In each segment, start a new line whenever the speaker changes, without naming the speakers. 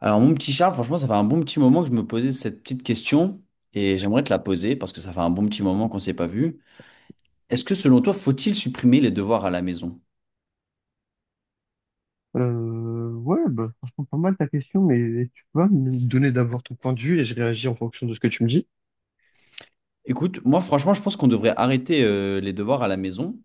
Alors mon petit Charles, franchement, ça fait un bon petit moment que je me posais cette petite question et j'aimerais te la poser parce que ça fait un bon petit moment qu'on ne s'est pas vu. Est-ce que selon toi, faut-il supprimer les devoirs à la maison?
Franchement, pas mal ta question, mais tu peux me donner d'abord ton point de vue et je réagis en fonction de ce que tu me dis.
Écoute, moi franchement, je pense qu'on devrait arrêter les devoirs à la maison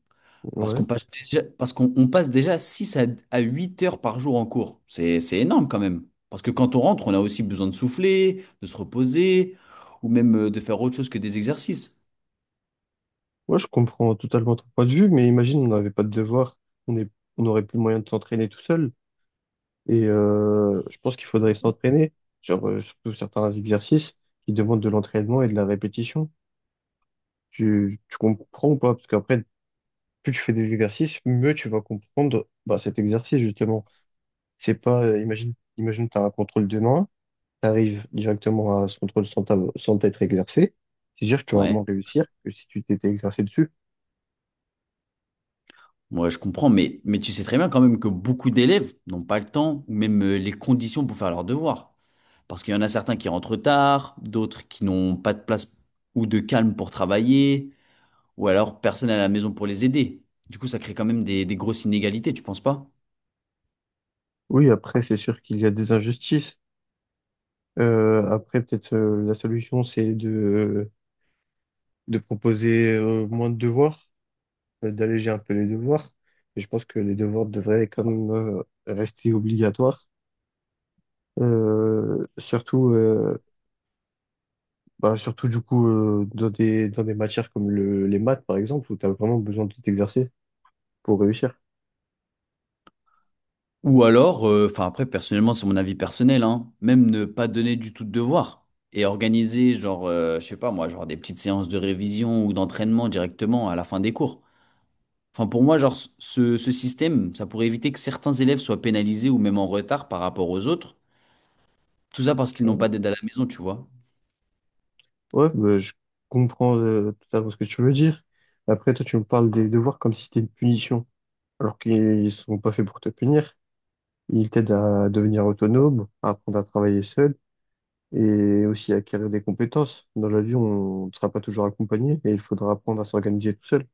parce
Ouais.
qu'on passe déjà, parce qu'on on passe déjà 6 à 8 heures par jour en cours. C'est énorme quand même. Parce que quand on rentre, on a aussi besoin de souffler, de se reposer ou même de faire autre chose que des exercices.
Ouais, je comprends totalement ton point de vue, mais imagine, on n'avait pas de devoir, on est, on n'aurait plus moyen de s'entraîner tout seul. Et je pense qu'il faudrait s'entraîner sur surtout certains exercices qui demandent de l'entraînement et de la répétition. Tu comprends ou pas? Parce qu'après, plus tu fais des exercices, mieux tu vas comprendre bah, cet exercice, justement. C'est pas, imagine, imagine, tu as un contrôle demain tu directement à ce contrôle sans, sans t'être exercé, c'est sûr que tu vas
Ouais.
moins réussir que si tu t'étais exercé dessus.
Ouais, je comprends, mais tu sais très bien quand même que beaucoup d'élèves n'ont pas le temps ou même les conditions pour faire leurs devoirs. Parce qu'il y en a certains qui rentrent tard, d'autres qui n'ont pas de place ou de calme pour travailler, ou alors personne à la maison pour les aider. Du coup, ça crée quand même des grosses inégalités, tu penses pas?
Oui, après, c'est sûr qu'il y a des injustices. Après, peut-être la solution, c'est de proposer moins de devoirs, d'alléger un peu les devoirs. Et je pense que les devoirs devraient quand même rester obligatoires. Euh, surtout, euh, surtout du coup, dans des matières comme le, les maths, par exemple, où tu as vraiment besoin de t'exercer pour réussir.
Ou alors, enfin après, personnellement, c'est mon avis personnel, hein, même ne pas donner du tout de devoirs et organiser, genre, je sais pas moi, genre des petites séances de révision ou d'entraînement directement à la fin des cours. Enfin, pour moi, genre, ce système, ça pourrait éviter que certains élèves soient pénalisés ou même en retard par rapport aux autres. Tout ça parce qu'ils n'ont
Ouais.
pas d'aide à la maison, tu vois.
Ouais, bah, je comprends totalement ce que tu veux dire. Après, toi, tu me parles des devoirs comme si c'était une punition, alors qu'ils sont pas faits pour te punir. Ils t'aident à devenir autonome, à apprendre à travailler seul et aussi à acquérir des compétences. Dans la vie, on ne sera pas toujours accompagné et il faudra apprendre à s'organiser tout seul.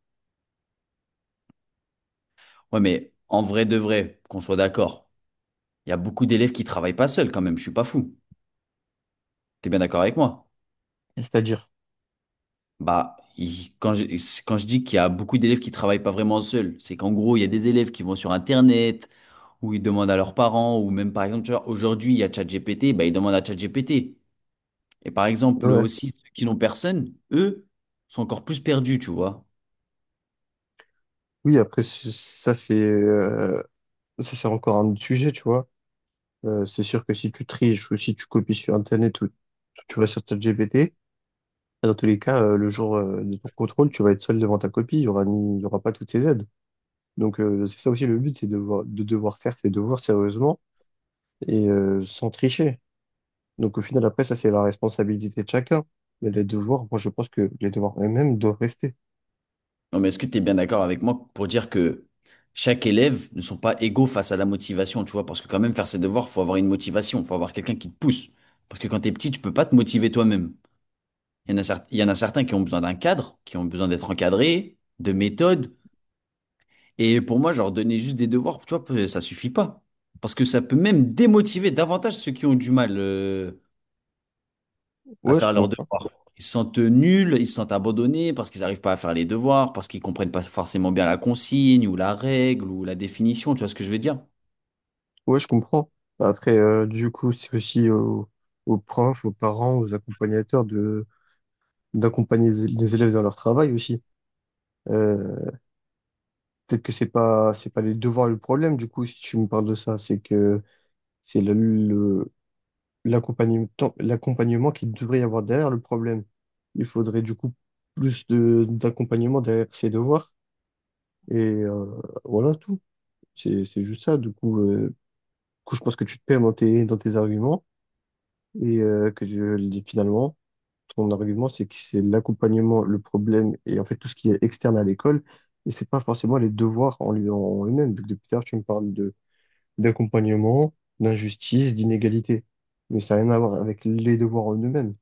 Ouais, mais en vrai de vrai, qu'on soit d'accord, il y a beaucoup d'élèves qui travaillent pas seuls quand même, je suis pas fou. T'es bien d'accord avec moi?
C'est-à-dire,
Bah, quand je, quand je dis qu'il y a beaucoup d'élèves qui travaillent pas vraiment seuls, c'est qu'en gros, il y a des élèves qui vont sur Internet, ou ils demandent à leurs parents, ou même par exemple, tu vois, aujourd'hui, il y a ChatGPT, bah, ils demandent à ChatGPT. Et par exemple,
ouais.
aussi, ceux qui n'ont personne, eux, sont encore plus perdus, tu vois.
Oui, après, c'est ça, c'est encore un autre sujet, tu vois. C'est sûr que si tu triches ou si tu copies sur Internet ou tu vas sur ChatGPT, bah, dans tous les cas, le jour de ton contrôle, tu vas être seul devant ta copie. Il y aura pas toutes ces aides. Donc, c'est ça aussi le but, c'est de devoir faire ses devoirs sérieusement et sans tricher. Donc, au final, après, ça, c'est la responsabilité de chacun. Mais les devoirs, moi, je pense que les devoirs eux-mêmes doivent rester.
Non, mais est-ce que tu es bien d'accord avec moi pour dire que chaque élève ne sont pas égaux face à la motivation, tu vois? Parce que quand même, faire ses devoirs, faut avoir une motivation, faut avoir quelqu'un qui te pousse. Parce que quand t'es petit, tu peux pas te motiver toi-même. Il y en a, il y en a certains qui ont besoin d'un cadre, qui ont besoin d'être encadrés, de méthodes. Et pour moi, genre, donner juste des devoirs, tu vois, ça suffit pas. Parce que ça peut même démotiver davantage ceux qui ont du mal. À
Ouais, je
faire leurs
comprends.
devoirs. Ils se sentent nuls, ils se sentent abandonnés parce qu'ils n'arrivent pas à faire les devoirs, parce qu'ils comprennent pas forcément bien la consigne ou la règle ou la définition, tu vois ce que je veux dire?
Ouais, je comprends. Après, du coup, c'est aussi au aux profs, aux parents, aux accompagnateurs de, d'accompagner les élèves dans leur travail aussi. Euh, Peut-être que c'est pas les devoirs le problème du coup, si tu me parles de ça c'est que c'est le l'accompagnement, l'accompagnement qu'il devrait y avoir derrière le problème. Il faudrait du coup plus de d'accompagnement derrière ces devoirs et euh, voilà tout. C'est juste ça du coup, du coup je pense que tu te perds dans tes arguments et finalement ton argument, c'est que c'est l'accompagnement, le problème, et en fait tout ce qui est externe à l'école. Et c'est pas forcément les devoirs en eux-mêmes, vu que depuis tard, tu me parles de d'accompagnement, d'injustice, d'inégalité. Mais ça n'a rien à voir avec les devoirs en eux-mêmes.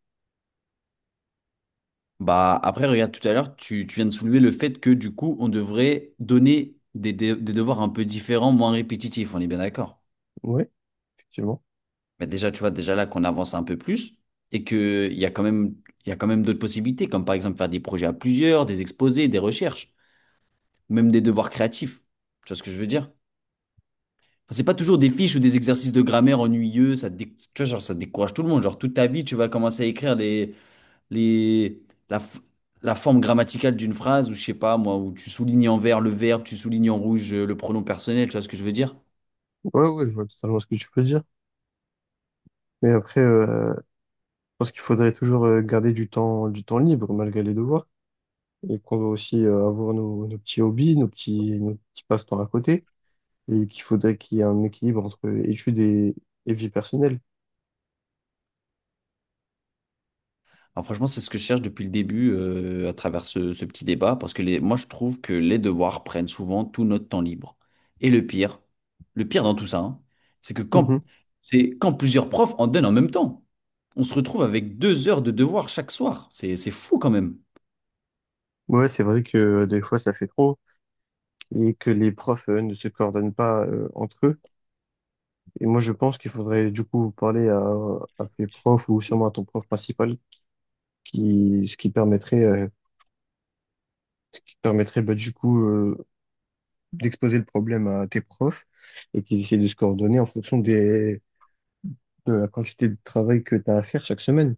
Bah après, regarde, tout à l'heure, tu viens de soulever le fait que du coup, on devrait donner des devoirs un peu différents, moins répétitifs, on est bien d'accord.
Oui, effectivement.
Mais déjà, tu vois, déjà là qu'on avance un peu plus et qu'il y a quand même, il y a quand même d'autres possibilités, comme par exemple faire des projets à plusieurs, des exposés, des recherches, même des devoirs créatifs. Tu vois ce que je veux dire? Enfin, c'est pas toujours des fiches ou des exercices de grammaire ennuyeux, tu vois, genre, ça décourage tout le monde. Genre, toute ta vie, tu vas commencer à écrire les, la, f- la forme grammaticale d'une phrase, ou je sais pas moi, où tu soulignes en vert le verbe, tu soulignes en rouge le pronom personnel, tu vois ce que je veux dire?
Ouais, ouais, je vois totalement ce que tu veux dire. Mais après, je pense qu'il faudrait toujours garder du temps libre malgré les devoirs. Et qu'on doit aussi avoir nos, nos petits hobbies, nos petits passe-temps à côté. Et qu'il faudrait qu'il y ait un équilibre entre études et vie personnelle.
Alors franchement, c'est ce que je cherche depuis le début à travers ce petit débat, parce que les, moi je trouve que les devoirs prennent souvent tout notre temps libre. Et le pire dans tout ça, hein, c'est que
Mhm.
quand, c'est quand plusieurs profs en donnent en même temps, on se retrouve avec deux heures de devoirs chaque soir. C'est fou quand même.
Ouais, c'est vrai que des fois ça fait trop et que les profs ne se coordonnent pas entre eux. Et moi je pense qu'il faudrait du coup parler à tes profs ou sûrement à ton prof principal qui ce qui permettrait ce qui permettrait bah, du coup euh, d'exposer le problème à tes profs et qu'ils essaient de se coordonner en fonction des de la quantité de travail que tu as à faire chaque semaine.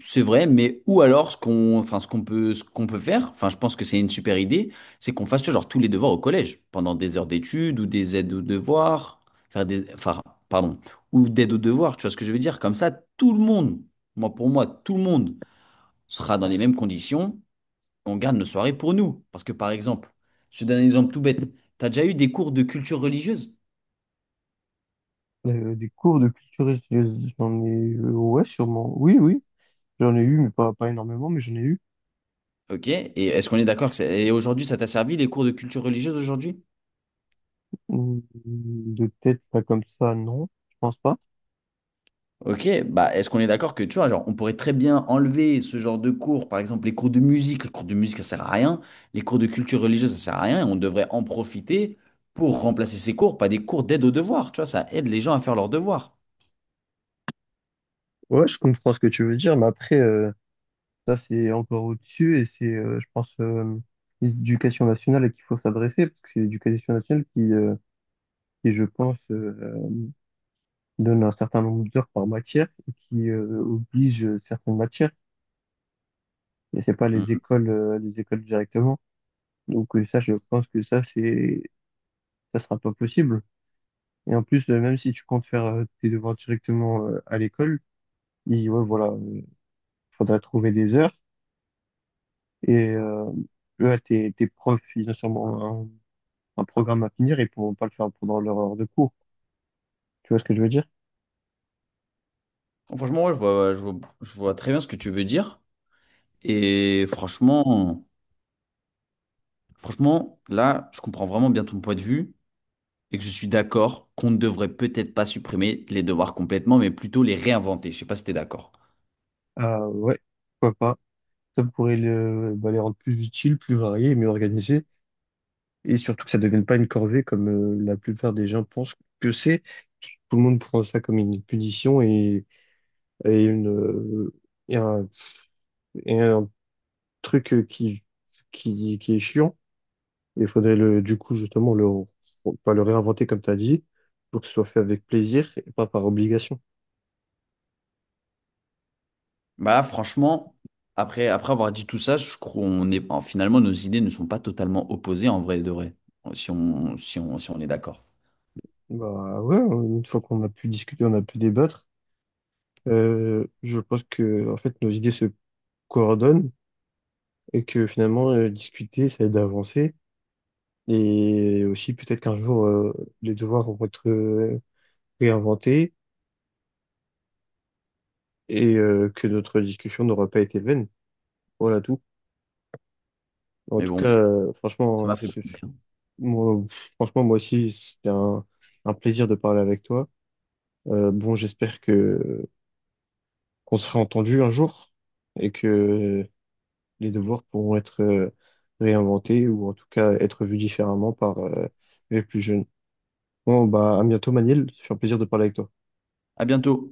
C'est vrai, mais ou alors ce qu'on peut faire, enfin, je pense que c'est une super idée, c'est qu'on fasse tu vois, genre tous les devoirs au collège, pendant des heures d'études ou des aides aux devoirs, faire des, enfin, pardon, ou d'aide aux devoirs, tu vois ce que je veux dire? Comme ça, tout le monde, moi pour moi, tout le monde sera dans les mêmes conditions, on garde nos soirées pour nous. Parce que par exemple, je te donne un exemple tout bête, tu as déjà eu des cours de culture religieuse,
Des cours de culture, j'en ai ouais sûrement. Oui oui, j'en ai eu mais pas énormément mais j'en ai eu.
ok? Et est-ce qu'on est d'accord et aujourd'hui ça t'a servi les cours de culture religieuse aujourd'hui?
Hmm, de tête, pas comme ça, non, je pense pas.
Ok, bah est-ce qu'on est d'accord que tu vois, genre, on pourrait très bien enlever ce genre de cours, par exemple les cours de musique, les cours de musique ça sert à rien, les cours de culture religieuse ça sert à rien, et on devrait en profiter pour remplacer ces cours par des cours d'aide aux devoirs, tu vois, ça aide les gens à faire leurs devoirs.
Ouais, je comprends ce que tu veux dire, mais après, ça c'est encore au-dessus et c'est, l'éducation nationale à qui il faut s'adresser, parce que c'est l'éducation nationale qui je pense, donne un certain nombre d'heures par matière et qui oblige certaines matières, et c'est pas
Hmm.
les écoles directement. Donc je pense que ça, ça sera pas possible. Et en plus, même si tu comptes faire tes devoirs directement à l'école, et ouais, voilà, faudrait trouver des heures. Et eux, là, tes profs, ils ont sûrement un programme à finir et ils pourront pas le faire pendant leur heure de cours. Tu vois ce que je veux dire?
Franchement, ouais, je vois très bien ce que tu veux dire, et franchement, franchement, là, je comprends vraiment bien ton point de vue, et que je suis d'accord qu'on ne devrait peut-être pas supprimer les devoirs complètement, mais plutôt les réinventer, je sais pas si t'es d'accord.
Ah ouais, pourquoi pas. Ça pourrait les rendre plus utiles, plus variés, mieux organisés. Et surtout que ça ne devienne pas une corvée comme la plupart des gens pensent que c'est. Tout le monde prend ça comme une punition et une, euh, et un, et un truc qui est chiant. Il faudrait le, du coup, justement, le, pas le réinventer comme tu as dit, pour que ce soit fait avec plaisir et pas par obligation.
Bah, franchement, après avoir dit tout ça, je crois qu'on est, finalement, nos idées ne sont pas totalement opposées en vrai de vrai, si on est d'accord.
Bah ouais, une fois qu'on a pu discuter, on a pu débattre, je pense que en fait nos idées se coordonnent et que finalement discuter, ça aide à avancer. Et aussi peut-être qu'un jour les devoirs vont être réinventés et que notre discussion n'aura pas été vaine. Voilà tout. En
Mais
tout cas,
bon, ça
franchement,
m'a fait
ce
plaisir.
Moi, pff, franchement, moi aussi, c'était un plaisir de parler avec toi. Bon, j'espère que qu'on sera entendu un jour et que les devoirs pourront être réinventés, ou en tout cas être vus différemment par les plus jeunes. Bon, bah, à bientôt, Manil. C'est un plaisir de parler avec toi.
À bientôt.